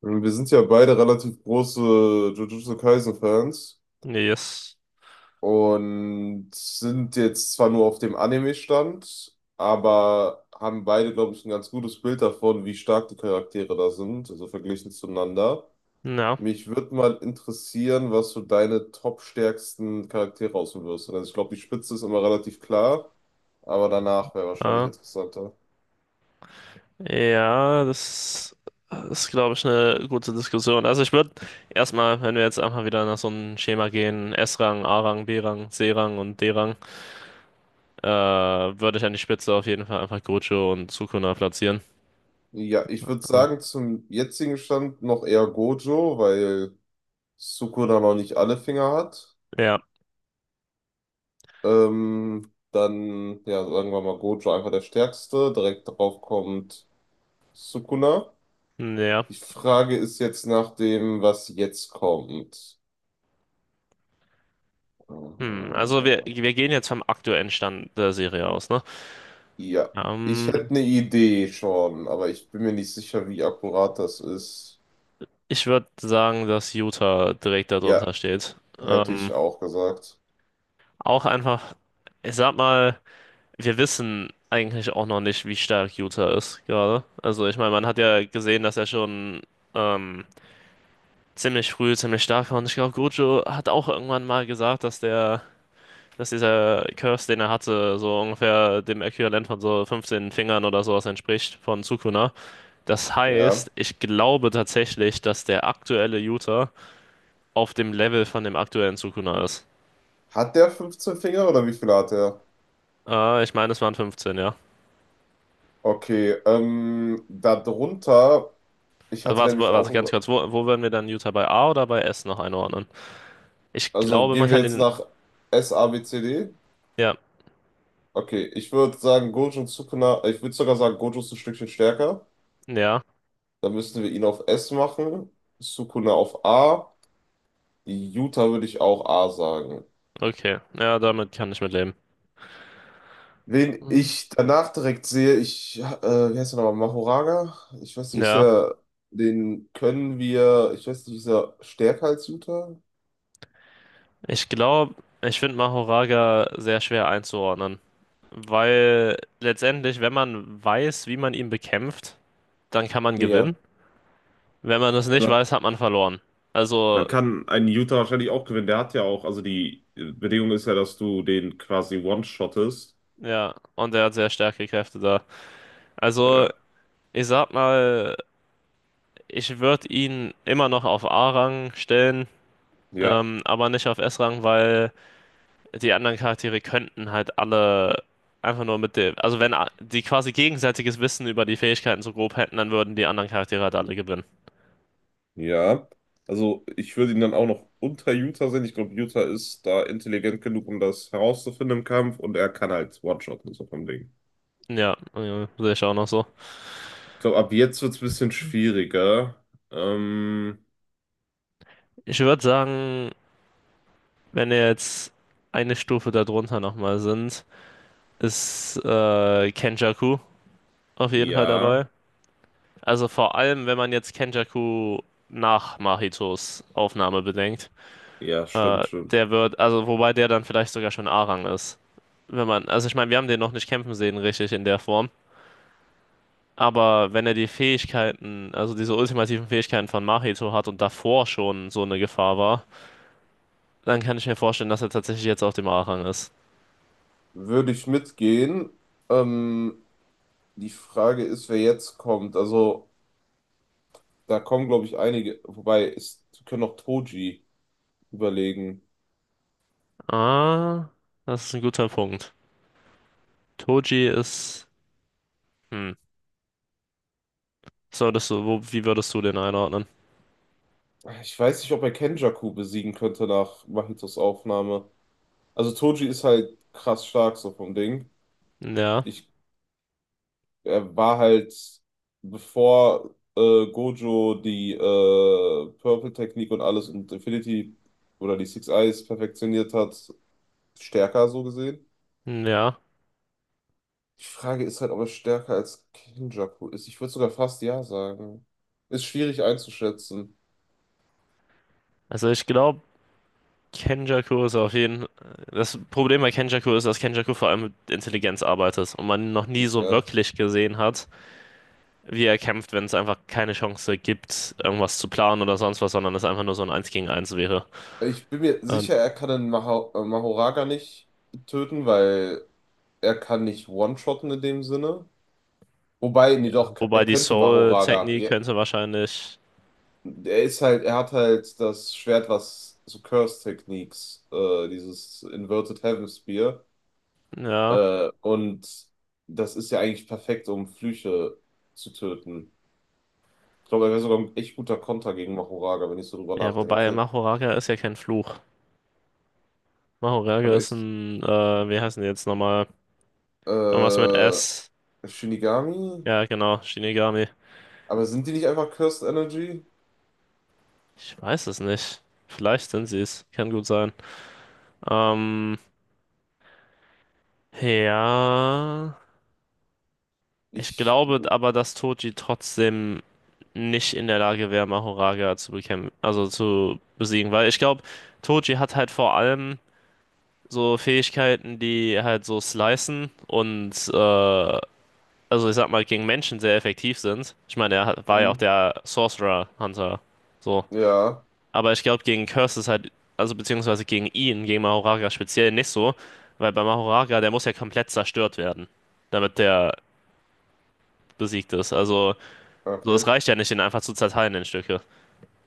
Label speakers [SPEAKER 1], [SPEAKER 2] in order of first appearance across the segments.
[SPEAKER 1] Und wir sind ja beide relativ große Jujutsu Kaisen-Fans
[SPEAKER 2] Yes.
[SPEAKER 1] und sind jetzt zwar nur auf dem Anime-Stand, aber haben beide, glaube ich, ein ganz gutes Bild davon, wie stark die Charaktere da sind, also verglichen zueinander.
[SPEAKER 2] Ja.
[SPEAKER 1] Mich würde mal interessieren, was so deine top-stärksten Charaktere aussuchen wirst. Also ich glaube, die Spitze ist immer relativ klar, aber danach wäre wahrscheinlich
[SPEAKER 2] Äh,
[SPEAKER 1] interessanter.
[SPEAKER 2] ja, Das ist, glaube ich, eine gute Diskussion. Also ich würde erstmal, wenn wir jetzt einfach wieder nach so einem Schema gehen, S-Rang, A-Rang, B-Rang, C-Rang und D-Rang, würde ich an die Spitze auf jeden Fall einfach Gojo und Sukuna platzieren.
[SPEAKER 1] Ja, ich würde
[SPEAKER 2] Also,
[SPEAKER 1] sagen, zum jetzigen Stand noch eher Gojo, weil Sukuna da noch nicht alle Finger hat.
[SPEAKER 2] ja,
[SPEAKER 1] Dann, ja, sagen wir mal, Gojo einfach der Stärkste. Direkt darauf kommt Sukuna.
[SPEAKER 2] ja.
[SPEAKER 1] Die Frage ist jetzt nach dem, was jetzt kommt. Äh,
[SPEAKER 2] Also wir gehen jetzt vom aktuellen Stand der Serie aus, ne?
[SPEAKER 1] Ja, ich
[SPEAKER 2] Ähm,
[SPEAKER 1] hätte eine Idee schon, aber ich bin mir nicht sicher, wie akkurat das ist.
[SPEAKER 2] Ich würde sagen, dass Utah direkt
[SPEAKER 1] Ja,
[SPEAKER 2] darunter steht.
[SPEAKER 1] hätte ich auch gesagt.
[SPEAKER 2] Auch einfach, ich sag mal, wir wissen eigentlich auch noch nicht, wie stark Utah ist gerade. Also ich meine, man hat ja gesehen, dass er schon ähm, ziemlich früh ziemlich stark war. Und ich glaube, Gojo hat auch irgendwann mal gesagt, dass dieser Curse, den er hatte, so ungefähr dem Äquivalent von so 15 Fingern oder sowas entspricht von Sukuna. Das
[SPEAKER 1] Ja.
[SPEAKER 2] heißt, ich glaube tatsächlich, dass der aktuelle Utah auf dem Level von dem aktuellen Sukuna ist.
[SPEAKER 1] Hat der 15 Finger oder wie viele hat er?
[SPEAKER 2] Ich meine, es waren 15, ja.
[SPEAKER 1] Okay, darunter, ich
[SPEAKER 2] Also
[SPEAKER 1] hatte
[SPEAKER 2] warte,
[SPEAKER 1] nämlich auch
[SPEAKER 2] warte ganz
[SPEAKER 1] über.
[SPEAKER 2] kurz, wo werden wir dann Utah bei A oder bei S noch einordnen? Ich
[SPEAKER 1] Also
[SPEAKER 2] glaube, man
[SPEAKER 1] gehen wir
[SPEAKER 2] kann
[SPEAKER 1] jetzt
[SPEAKER 2] den.
[SPEAKER 1] nach S, A, B, C, D.
[SPEAKER 2] Ja,
[SPEAKER 1] Okay, ich würde sagen, Gojo und Sukuna, ich würde sogar sagen, Gojo ist ein Stückchen stärker.
[SPEAKER 2] ja,
[SPEAKER 1] Dann müssten wir ihn auf S machen, Sukuna auf A, Yuta würde ich auch A sagen.
[SPEAKER 2] okay. Ja, damit kann ich mitleben.
[SPEAKER 1] Wen
[SPEAKER 2] Mhm.
[SPEAKER 1] ich danach direkt sehe, wie heißt er nochmal, Mahoraga? Ich weiß nicht, ist
[SPEAKER 2] Ja,
[SPEAKER 1] er, den können wir, ich weiß nicht, ist er stärker als Yuta?
[SPEAKER 2] ich glaube, ich finde Mahoraga sehr schwer einzuordnen. Weil letztendlich, wenn man weiß, wie man ihn bekämpft, dann kann man gewinnen.
[SPEAKER 1] Ja.
[SPEAKER 2] Wenn man das nicht
[SPEAKER 1] Also,
[SPEAKER 2] weiß, hat man verloren. Also,
[SPEAKER 1] dann kann ein Utah wahrscheinlich auch gewinnen. Der hat ja auch, also die Bedingung ist ja, dass du den quasi one-shottest.
[SPEAKER 2] ja, und er hat sehr starke Kräfte da. Also,
[SPEAKER 1] Ja,
[SPEAKER 2] ich sag mal, ich würde ihn immer noch auf A-Rang stellen,
[SPEAKER 1] ja,
[SPEAKER 2] aber nicht auf S-Rang, weil die anderen Charaktere könnten halt alle einfach nur mit dem, also wenn die quasi gegenseitiges Wissen über die Fähigkeiten so grob hätten, dann würden die anderen Charaktere halt alle gewinnen.
[SPEAKER 1] ja. Also ich würde ihn dann auch noch unter Utah sehen. Ich glaube, Utah ist da intelligent genug, um das herauszufinden im Kampf und er kann halt One-Shotten, so vom Ding.
[SPEAKER 2] Ja, sehe ich auch noch so.
[SPEAKER 1] Ich glaube, ab jetzt wird es ein bisschen schwieriger. Ähm,
[SPEAKER 2] Ich würde sagen, wenn wir jetzt eine Stufe darunter nochmal sind, ist Kenjaku auf jeden Fall dabei.
[SPEAKER 1] ja,
[SPEAKER 2] Also vor allem, wenn man jetzt Kenjaku nach Mahitos Aufnahme bedenkt,
[SPEAKER 1] ja,
[SPEAKER 2] äh,
[SPEAKER 1] stimmt, stimmt.
[SPEAKER 2] also wobei der dann vielleicht sogar schon A-Rang ist. Wenn man, also ich meine, wir haben den noch nicht kämpfen sehen, richtig in der Form. Aber wenn er die Fähigkeiten, also diese ultimativen Fähigkeiten von Mahito hat und davor schon so eine Gefahr war, dann kann ich mir vorstellen, dass er tatsächlich jetzt auf dem A-Rang ist.
[SPEAKER 1] Würde ich mitgehen. Ähm, Die Frage ist, wer jetzt kommt. Also da kommen, glaube ich, einige. Wobei, es können auch Toji überlegen.
[SPEAKER 2] Ah, das ist ein guter Punkt. Toji ist, hm, solltest du, wo, wie würdest du den einordnen?
[SPEAKER 1] Ich weiß nicht, ob er Kenjaku besiegen könnte nach Mahitos Aufnahme. Also Toji ist halt krass stark so vom Ding.
[SPEAKER 2] Ja,
[SPEAKER 1] Ich, Er war halt, bevor Gojo die Purple-Technik und alles und Infinity oder die Six Eyes perfektioniert hat, stärker so gesehen.
[SPEAKER 2] ja.
[SPEAKER 1] Die Frage ist halt, ob er stärker als Kenjaku ist. Ich würde sogar fast ja sagen. Ist schwierig einzuschätzen.
[SPEAKER 2] Also ich glaube, Kenjaku ist auf jeden. Das Problem bei Kenjaku ist, dass Kenjaku vor allem mit Intelligenz arbeitet und man ihn noch nie so
[SPEAKER 1] Ja.
[SPEAKER 2] wirklich gesehen hat, wie er kämpft, wenn es einfach keine Chance gibt, irgendwas zu planen oder sonst was, sondern es einfach nur so ein Eins gegen Eins wäre.
[SPEAKER 1] Ich bin mir
[SPEAKER 2] Und,
[SPEAKER 1] sicher, er kann den Mahoraga nicht töten, weil er kann nicht one-shotten in dem Sinne. Wobei, nee,
[SPEAKER 2] ja,
[SPEAKER 1] doch,
[SPEAKER 2] wobei
[SPEAKER 1] er
[SPEAKER 2] die
[SPEAKER 1] könnte Mahoraga.
[SPEAKER 2] Soul-Technik
[SPEAKER 1] Ja,
[SPEAKER 2] könnte wahrscheinlich,
[SPEAKER 1] er ist halt, er hat halt das Schwert, was so Curse Techniques, dieses Inverted Heaven Spear.
[SPEAKER 2] ja,
[SPEAKER 1] Und das ist ja eigentlich perfekt, um Flüche zu töten. Ich glaube, er wäre sogar ein echt guter Konter gegen Mahoraga, wenn ich so drüber
[SPEAKER 2] ja, wobei
[SPEAKER 1] nachdenke.
[SPEAKER 2] Mahoraga ist ja kein Fluch. Mahoraga
[SPEAKER 1] Aber
[SPEAKER 2] ist
[SPEAKER 1] ist,
[SPEAKER 2] ein, wie heißen die jetzt nochmal? Irgendwas mit
[SPEAKER 1] äh,
[SPEAKER 2] S.
[SPEAKER 1] Shinigami?
[SPEAKER 2] Ja, genau, Shinigami.
[SPEAKER 1] Aber sind die nicht einfach Cursed Energy?
[SPEAKER 2] Ich weiß es nicht. Vielleicht sind sie es. Kann gut sein. Ähm, ja. Ich
[SPEAKER 1] Ich,
[SPEAKER 2] glaube aber, dass Toji trotzdem nicht in der Lage wäre, Mahoraga zu bekämpfen, also zu besiegen. Weil ich glaube, Toji hat halt vor allem so Fähigkeiten, die halt so slicen und also ich sag mal, gegen Menschen sehr effektiv sind. Ich meine, er war ja auch
[SPEAKER 1] hm,
[SPEAKER 2] der Sorcerer Hunter. So.
[SPEAKER 1] ja,
[SPEAKER 2] Aber ich glaube, gegen Curse ist halt, also beziehungsweise gegen ihn, gegen Mahoraga speziell nicht so, weil bei Mahoraga, der muss ja komplett zerstört werden, damit der besiegt ist. Also, so
[SPEAKER 1] okay.
[SPEAKER 2] es reicht ja nicht, ihn einfach zu zerteilen in Stücke.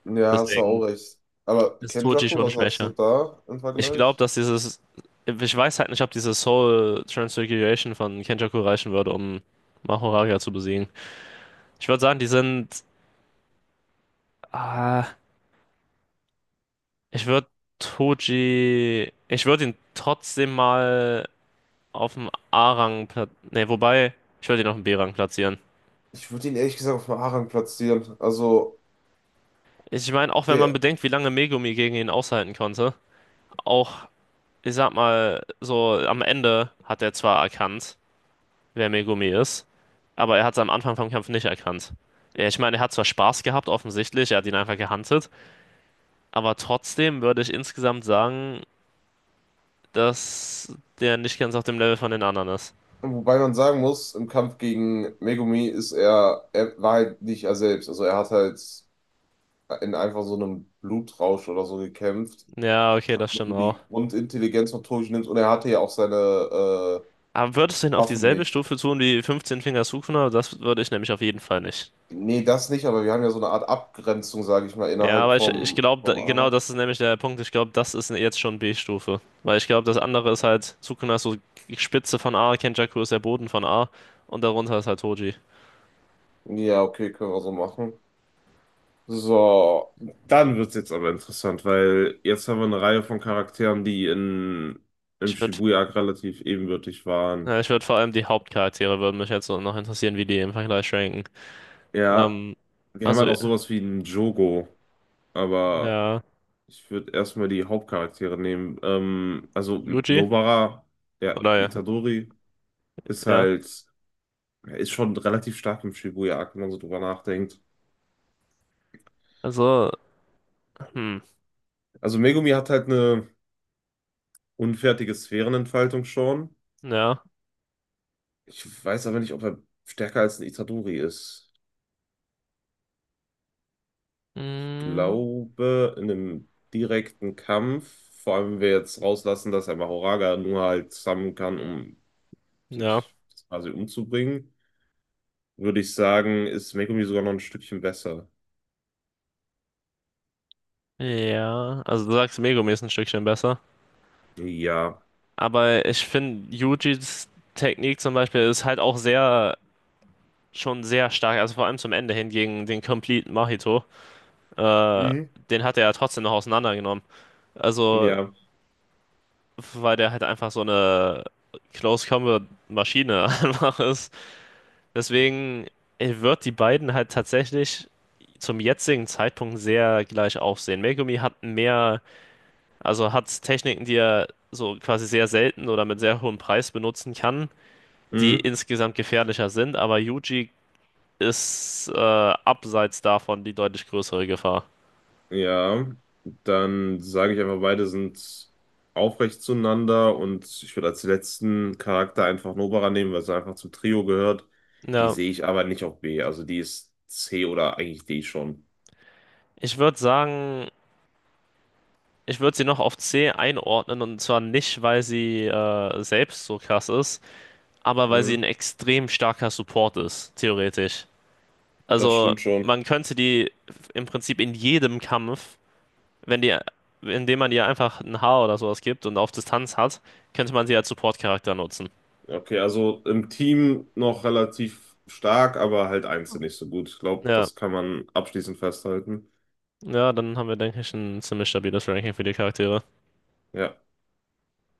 [SPEAKER 1] Ja, hast du auch
[SPEAKER 2] Deswegen
[SPEAKER 1] recht. Aber
[SPEAKER 2] ist Toji
[SPEAKER 1] Kenjaku,
[SPEAKER 2] schon
[SPEAKER 1] was sagst du
[SPEAKER 2] schwächer.
[SPEAKER 1] da im
[SPEAKER 2] Ich glaube,
[SPEAKER 1] Vergleich?
[SPEAKER 2] dass dieses, ich weiß halt nicht, ob diese Soul Transfiguration von Kenjaku reichen würde, um Mahoraga zu besiegen. Ich würde sagen, die sind, ah, ich würde Toji, ich würde ihn trotzdem mal auf dem A-Rang platzieren. Ne, wobei, ich würde ihn auf dem B-Rang platzieren.
[SPEAKER 1] Ich würde ihn ehrlich gesagt auf Maharang platzieren. Also,
[SPEAKER 2] Ich meine, auch wenn man
[SPEAKER 1] der,
[SPEAKER 2] bedenkt, wie lange Megumi gegen ihn aushalten konnte, auch, ich sag mal, so am Ende hat er zwar erkannt, wer Megumi ist. Aber er hat es am Anfang vom Kampf nicht erkannt. Ja, ich meine, er hat zwar Spaß gehabt, offensichtlich, er hat ihn einfach gehuntet, aber trotzdem würde ich insgesamt sagen, dass der nicht ganz auf dem Level von den anderen ist.
[SPEAKER 1] wobei man sagen muss, im Kampf gegen Megumi er war halt nicht er selbst. Also, er hat halt in einfach so einem Blutrausch oder so gekämpft.
[SPEAKER 2] Ja, okay, das
[SPEAKER 1] Wenn
[SPEAKER 2] stimmt
[SPEAKER 1] du
[SPEAKER 2] auch.
[SPEAKER 1] die Grundintelligenz von Toji nimmst und er hatte ja auch seine äh,
[SPEAKER 2] Aber würdest du ihn auf
[SPEAKER 1] Waffen
[SPEAKER 2] dieselbe
[SPEAKER 1] nicht.
[SPEAKER 2] Stufe tun wie 15 Finger Sukuna? Das würde ich nämlich auf jeden Fall nicht.
[SPEAKER 1] Nee, das nicht, aber wir haben ja so eine Art Abgrenzung, sage ich mal,
[SPEAKER 2] Ja,
[SPEAKER 1] innerhalb
[SPEAKER 2] aber ich
[SPEAKER 1] vom,
[SPEAKER 2] glaube,
[SPEAKER 1] vom
[SPEAKER 2] genau
[SPEAKER 1] Ara.
[SPEAKER 2] das ist nämlich der Punkt. Ich glaube, das ist jetzt schon B-Stufe. Weil ich glaube, das andere ist halt, Sukuna ist so Spitze von A, Kenjaku ist der Boden von A und darunter ist halt Toji.
[SPEAKER 1] Ja, okay, können wir so machen. So, dann wird's jetzt aber interessant, weil jetzt haben wir eine Reihe von Charakteren, die im
[SPEAKER 2] Ich würde,
[SPEAKER 1] Shibuya-Arc relativ ebenbürtig waren.
[SPEAKER 2] ja, ich würde vor allem die Hauptcharaktere würden mich jetzt so noch interessieren, wie die im Vergleich ranken.
[SPEAKER 1] Ja,
[SPEAKER 2] Ähm,
[SPEAKER 1] wir haben
[SPEAKER 2] also,
[SPEAKER 1] halt auch sowas wie einen Jogo, aber
[SPEAKER 2] ja,
[SPEAKER 1] ich würde erstmal die Hauptcharaktere nehmen. Also
[SPEAKER 2] Yuji?
[SPEAKER 1] Nobara, ja,
[SPEAKER 2] Oder ja,
[SPEAKER 1] Itadori ist
[SPEAKER 2] ja.
[SPEAKER 1] halt, ist schon relativ stark im Shibuya-Arc, wenn man so drüber nachdenkt.
[SPEAKER 2] Also, hm,
[SPEAKER 1] Also Megumi hat halt eine unfertige Sphärenentfaltung schon.
[SPEAKER 2] ja.
[SPEAKER 1] Ich weiß aber nicht, ob er stärker als ein Itadori ist.
[SPEAKER 2] Mm,
[SPEAKER 1] Glaube, in einem direkten Kampf, vor allem wenn wir jetzt rauslassen, dass er Mahoraga nur halt summonen kann, um
[SPEAKER 2] ja.
[SPEAKER 1] sich quasi umzubringen, würde ich sagen, ist Megumi sogar noch ein Stückchen besser.
[SPEAKER 2] Ja. Also du sagst, Megumi ist ein Stückchen besser.
[SPEAKER 1] Ja,
[SPEAKER 2] Aber ich finde, Yujis Technik zum Beispiel ist halt auch sehr, schon sehr stark. Also vor allem zum Ende hin gegen den Complete Mahito. Äh,
[SPEAKER 1] mhm,
[SPEAKER 2] Den hat er ja trotzdem noch auseinandergenommen. Also
[SPEAKER 1] ja,
[SPEAKER 2] weil der halt einfach so eine Close Combat Maschine einfach ist. Deswegen wird die beiden halt tatsächlich zum jetzigen Zeitpunkt sehr gleich aufsehen. Megumi hat mehr, also hat Techniken, die er so quasi sehr selten oder mit sehr hohem Preis benutzen kann, die
[SPEAKER 1] mhm.
[SPEAKER 2] insgesamt gefährlicher sind, aber Yuji ist abseits davon die deutlich größere Gefahr.
[SPEAKER 1] Ja. Dann sage ich einfach, beide sind aufrecht zueinander und ich würde als letzten Charakter einfach Nobara nehmen, weil sie einfach zum Trio gehört. Die
[SPEAKER 2] Ja,
[SPEAKER 1] sehe ich aber nicht auf B, also die ist C oder eigentlich D schon.
[SPEAKER 2] ich würde sagen, ich würde sie noch auf C einordnen und zwar nicht, weil sie selbst so krass ist, aber weil sie ein
[SPEAKER 1] Mhm.
[SPEAKER 2] extrem starker Support ist, theoretisch.
[SPEAKER 1] Das
[SPEAKER 2] Also
[SPEAKER 1] stimmt schon.
[SPEAKER 2] man könnte die im Prinzip in jedem Kampf, wenn die, indem man ihr einfach ein Haar oder sowas gibt und auf Distanz hat, könnte man sie als Support-Charakter nutzen.
[SPEAKER 1] Okay, also im Team noch relativ stark, aber halt einzeln nicht so gut. Ich glaube,
[SPEAKER 2] Ja,
[SPEAKER 1] das kann man abschließend festhalten.
[SPEAKER 2] ja, dann haben wir, denke ich, ein ziemlich stabiles Ranking für die Charaktere.
[SPEAKER 1] Ja.